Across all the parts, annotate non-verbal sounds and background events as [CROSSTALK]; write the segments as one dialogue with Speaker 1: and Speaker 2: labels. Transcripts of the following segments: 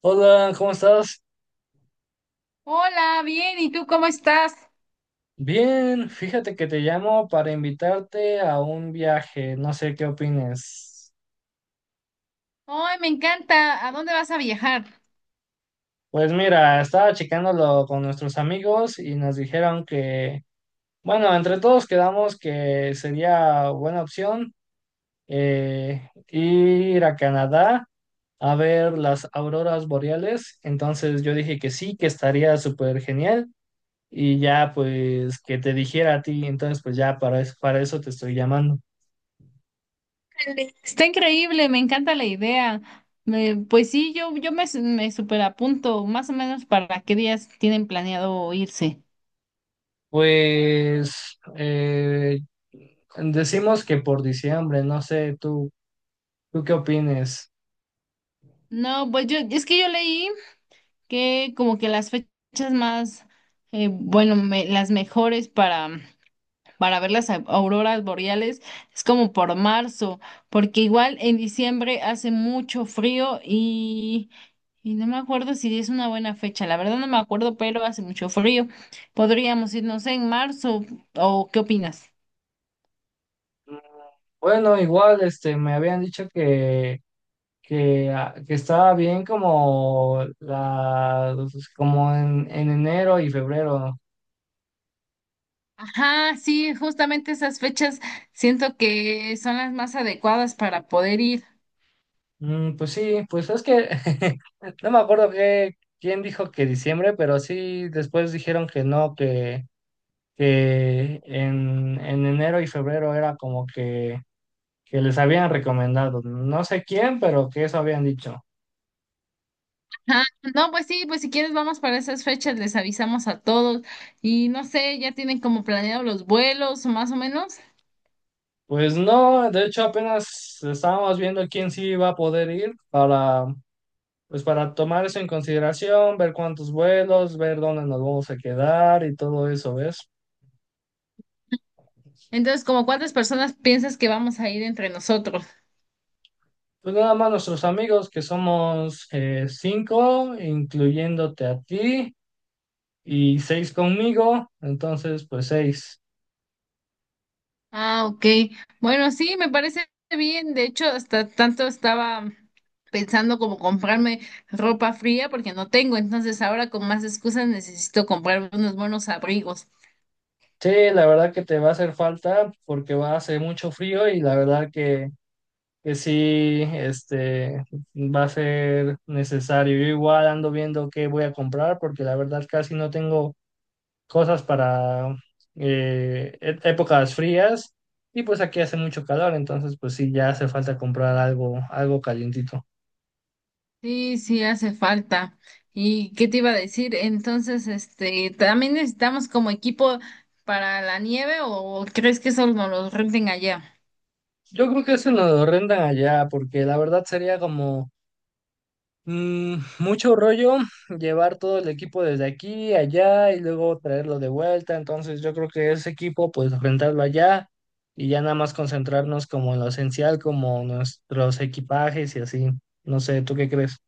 Speaker 1: Hola, ¿cómo estás?
Speaker 2: Hola, bien, ¿y tú cómo estás?
Speaker 1: Bien, fíjate que te llamo para invitarte a un viaje, no sé qué opines.
Speaker 2: Ay, me encanta. ¿A dónde vas a viajar?
Speaker 1: Pues mira, estaba checándolo con nuestros amigos y nos dijeron que, bueno, entre todos quedamos que sería buena opción ir a Canadá a ver las auroras boreales. Entonces yo dije que sí, que estaría súper genial y ya pues que te dijera a ti, entonces pues ya para eso te estoy llamando.
Speaker 2: Está increíble, me encanta la idea. Pues sí, yo me superapunto, más o menos para qué días tienen planeado irse.
Speaker 1: Pues decimos que por diciembre, no sé, tú, ¿tú qué opines?
Speaker 2: No, pues yo, es que yo leí que como que las bueno, las mejores para ver las auroras boreales es como por marzo, porque igual en diciembre hace mucho frío y no me acuerdo si es una buena fecha, la verdad no me acuerdo, pero hace mucho frío. Podríamos ir, no sé, en marzo o ¿qué opinas?
Speaker 1: Bueno, igual, este, me habían dicho que, que estaba bien como la, pues, como en enero y febrero.
Speaker 2: Ajá, sí, justamente esas fechas siento que son las más adecuadas para poder ir.
Speaker 1: Mm, pues sí, pues es que [LAUGHS] no me acuerdo que, quién dijo que diciembre, pero sí después dijeron que no, que en enero y febrero era como que les habían recomendado. No sé quién, pero que eso habían dicho.
Speaker 2: Ajá. No, pues sí, pues si quieres vamos para esas fechas, les avisamos a todos y no sé, ya tienen como planeado los vuelos o más o menos.
Speaker 1: Pues no, de hecho apenas estábamos viendo quién sí iba a poder ir para, pues para tomar eso en consideración, ver cuántos vuelos, ver dónde nos vamos a quedar y todo eso, ¿ves?
Speaker 2: Entonces, ¿como cuántas personas piensas que vamos a ir entre nosotros?
Speaker 1: Pues nada más nuestros amigos, que somos cinco, incluyéndote a ti, y seis conmigo, entonces pues seis.
Speaker 2: Ah, ok. Bueno, sí, me parece bien. De hecho, hasta tanto estaba pensando como comprarme ropa fría porque no tengo. Entonces, ahora con más excusas necesito comprarme unos buenos abrigos.
Speaker 1: Sí, la verdad que te va a hacer falta porque va a hacer mucho frío y la verdad que sí, este, va a ser necesario. Yo igual ando viendo qué voy a comprar porque la verdad casi no tengo cosas para épocas frías y pues aquí hace mucho calor, entonces pues sí, ya hace falta comprar algo, algo calientito.
Speaker 2: Sí, sí, hace falta. ¿Y qué te iba a decir? Entonces, este, ¿también necesitamos como equipo para la nieve o crees que solo nos los renten allá?
Speaker 1: Yo creo que eso nos lo rentan allá porque la verdad sería como mm, mucho rollo llevar todo el equipo desde aquí, allá y luego traerlo de vuelta. Entonces yo creo que ese equipo pues rentarlo allá y ya nada más concentrarnos como en lo esencial, como nuestros equipajes y así. No sé, ¿tú qué crees?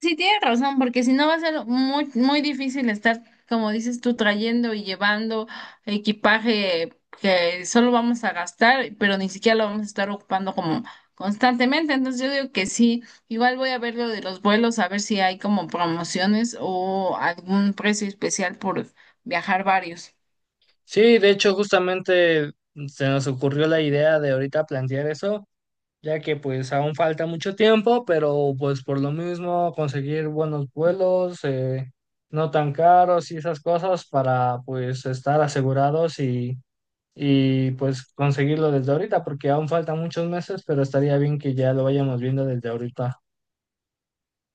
Speaker 2: Sí, tienes razón, porque si no va a ser muy difícil estar, como dices tú, trayendo y llevando equipaje que solo vamos a gastar, pero ni siquiera lo vamos a estar ocupando como constantemente. Entonces yo digo que sí, igual voy a ver lo de los vuelos, a ver si hay como promociones o algún precio especial por viajar varios.
Speaker 1: Sí, de hecho justamente se nos ocurrió la idea de ahorita plantear eso, ya que pues aún falta mucho tiempo, pero pues por lo mismo conseguir buenos vuelos, no tan caros y esas cosas para pues estar asegurados y pues conseguirlo desde ahorita, porque aún faltan muchos meses, pero estaría bien que ya lo vayamos viendo desde ahorita.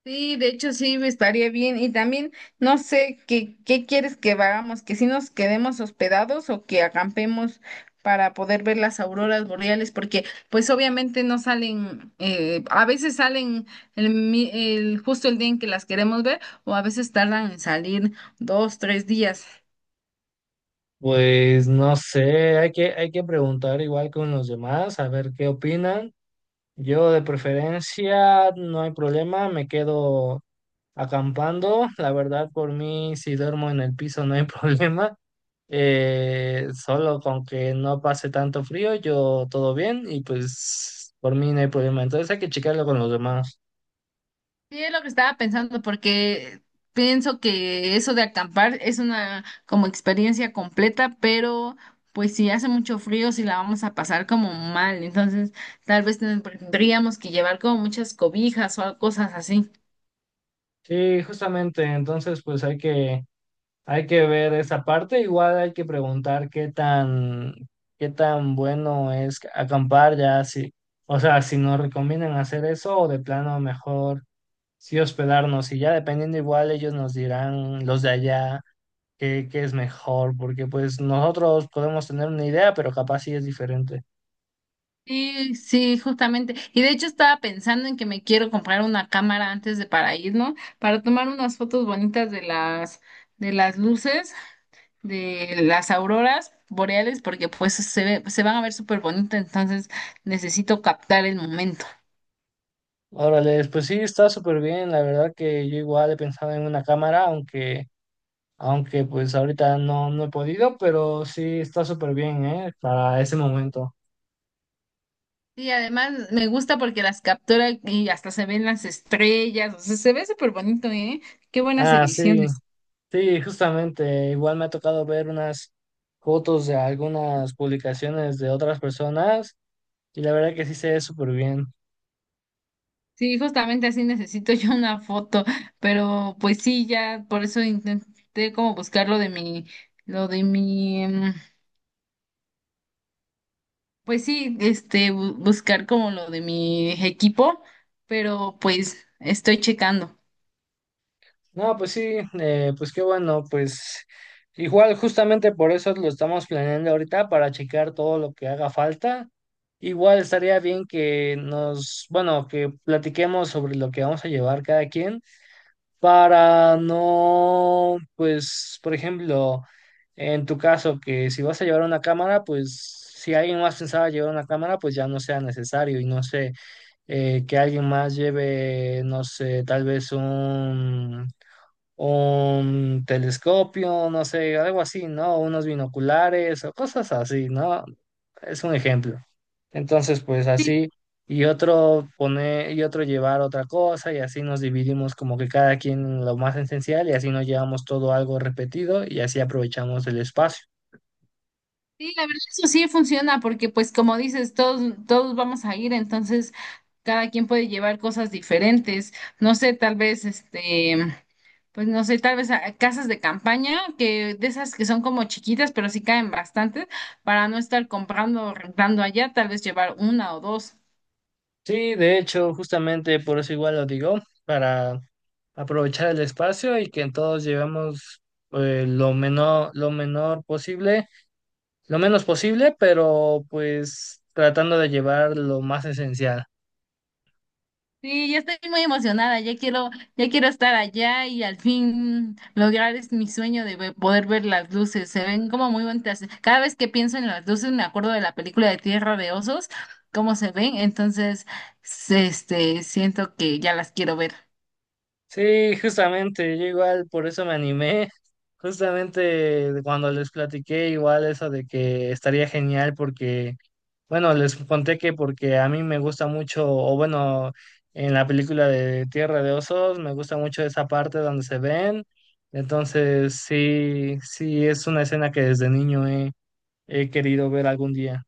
Speaker 2: Sí, de hecho sí, estaría bien. Y también no sé qué quieres que hagamos, que si nos quedemos hospedados o que acampemos para poder ver las auroras boreales, porque pues obviamente no salen, a veces salen justo el día en que las queremos ver o a veces tardan en salir dos, tres días.
Speaker 1: Pues no sé, hay que preguntar igual con los demás, a ver qué opinan. Yo de preferencia, no hay problema, me quedo acampando, la verdad, por mí, si duermo en el piso no hay [LAUGHS] problema. Solo con que no pase tanto frío, yo todo bien y pues por mí no hay problema. Entonces hay que checarlo con los demás.
Speaker 2: Sí, es lo que estaba pensando, porque pienso que eso de acampar es una como experiencia completa, pero pues si hace mucho frío, si la vamos a pasar como mal, entonces tal vez tendríamos que llevar como muchas cobijas o cosas así.
Speaker 1: Sí, justamente, entonces pues hay que ver esa parte. Igual hay que preguntar qué tan bueno es acampar ya, si, o sea, si nos recomiendan hacer eso o de plano mejor sí hospedarnos y ya dependiendo igual ellos nos dirán los de allá qué, qué es mejor, porque pues nosotros podemos tener una idea, pero capaz sí es diferente.
Speaker 2: Sí, sí, justamente. Y de hecho estaba pensando en que me quiero comprar una cámara antes de para ir, ¿no? Para tomar unas fotos bonitas de de las luces, de las auroras boreales porque pues se van a ver súper bonitas, entonces necesito captar el momento.
Speaker 1: Órale, pues sí, está súper bien, la verdad que yo igual he pensado en una cámara, aunque, aunque pues ahorita no, no he podido, pero sí está súper bien, ¿eh? Para ese momento.
Speaker 2: Y además me gusta porque las captura y hasta se ven las estrellas, o sea, se ve súper bonito, ¿eh? Qué buenas
Speaker 1: Ah, sí,
Speaker 2: ediciones.
Speaker 1: sí, justamente, igual me ha tocado ver unas fotos de algunas publicaciones de otras personas y la verdad que sí se ve súper bien.
Speaker 2: Sí, justamente así necesito [LAUGHS] yo una foto, pero pues sí, ya por eso intenté como buscar lo de pues sí, este, buscar como lo de mi equipo, pero pues estoy checando.
Speaker 1: No, pues sí, pues qué bueno, pues igual justamente por eso lo estamos planeando ahorita para checar todo lo que haga falta. Igual estaría bien que nos, bueno, que platiquemos sobre lo que vamos a llevar cada quien para no, pues, por ejemplo, en tu caso, que si vas a llevar una cámara, pues si alguien más pensaba llevar una cámara, pues ya no sea necesario y no sé, que alguien más lleve, no sé, tal vez un telescopio, no sé, algo así, ¿no? Unos binoculares o cosas así, ¿no? Es un ejemplo. Entonces, pues
Speaker 2: Sí.
Speaker 1: así, y otro poner, y otro llevar otra cosa, y así nos dividimos como que cada quien lo más esencial, y así nos llevamos todo algo repetido, y así aprovechamos el espacio.
Speaker 2: Sí, la verdad eso sí funciona porque pues como dices, todos vamos a ir, entonces cada quien puede llevar cosas diferentes. No sé, tal vez este, pues no sé, casas de campaña, que de esas que son como chiquitas, pero sí caen bastantes, para no estar comprando o rentando allá, tal vez llevar una o dos.
Speaker 1: Sí, de hecho, justamente por eso igual lo digo, para aprovechar el espacio y que todos llevemos lo menor posible, lo menos posible, pero pues tratando de llevar lo más esencial.
Speaker 2: Sí, ya estoy muy emocionada, ya quiero estar allá y al fin lograr es mi sueño de poder ver las luces. Se ven como muy bonitas. Cada vez que pienso en las luces me acuerdo de la película de Tierra de Osos, cómo se ven, entonces este siento que ya las quiero ver.
Speaker 1: Sí, justamente, yo igual por eso me animé. Justamente cuando les platiqué igual eso de que estaría genial porque, bueno, les conté que porque a mí me gusta mucho, o bueno, en la película de Tierra de Osos, me gusta mucho esa parte donde se ven. Entonces, sí, sí, es una escena que desde niño he querido ver algún día.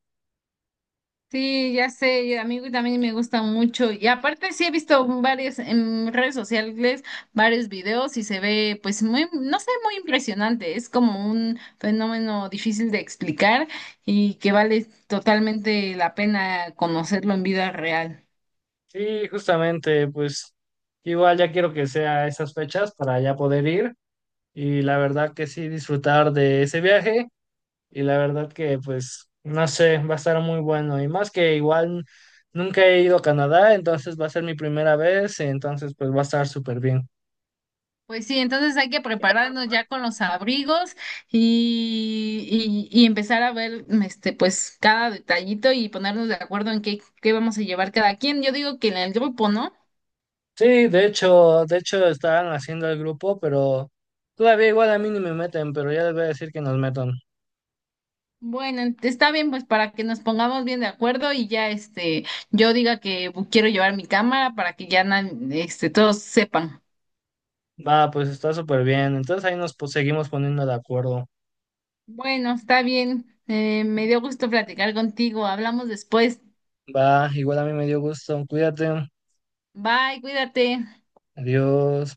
Speaker 2: Sí, ya sé, y a mí también me gusta mucho. Y aparte sí he visto varios en redes sociales, varios videos y se ve pues muy, no sé, muy impresionante. Es como un fenómeno difícil de explicar y que vale totalmente la pena conocerlo en vida real.
Speaker 1: Sí, justamente, pues igual ya quiero que sea esas fechas para ya poder ir y la verdad que sí disfrutar de ese viaje y la verdad que pues no sé, va a estar muy bueno y más que igual nunca he ido a Canadá, entonces va a ser mi primera vez, entonces pues va a estar súper bien.
Speaker 2: Pues sí, entonces hay que prepararnos ya con los abrigos y empezar a ver este pues cada detallito y ponernos de acuerdo en qué vamos a llevar cada quien. Yo digo que en el grupo, ¿no?
Speaker 1: Sí, de hecho estaban haciendo el grupo, pero todavía igual a mí ni me meten, pero ya les voy a decir que nos metan.
Speaker 2: Bueno, está bien, pues para que nos pongamos bien de acuerdo y ya este, yo diga que quiero llevar mi cámara para que ya este, todos sepan.
Speaker 1: Va, pues está súper bien, entonces ahí nos pues, seguimos poniendo de acuerdo.
Speaker 2: Bueno, está bien. Me dio gusto platicar contigo. Hablamos después.
Speaker 1: Va, igual a mí me dio gusto. Cuídate.
Speaker 2: Bye, cuídate.
Speaker 1: Adiós.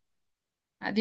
Speaker 2: Adiós.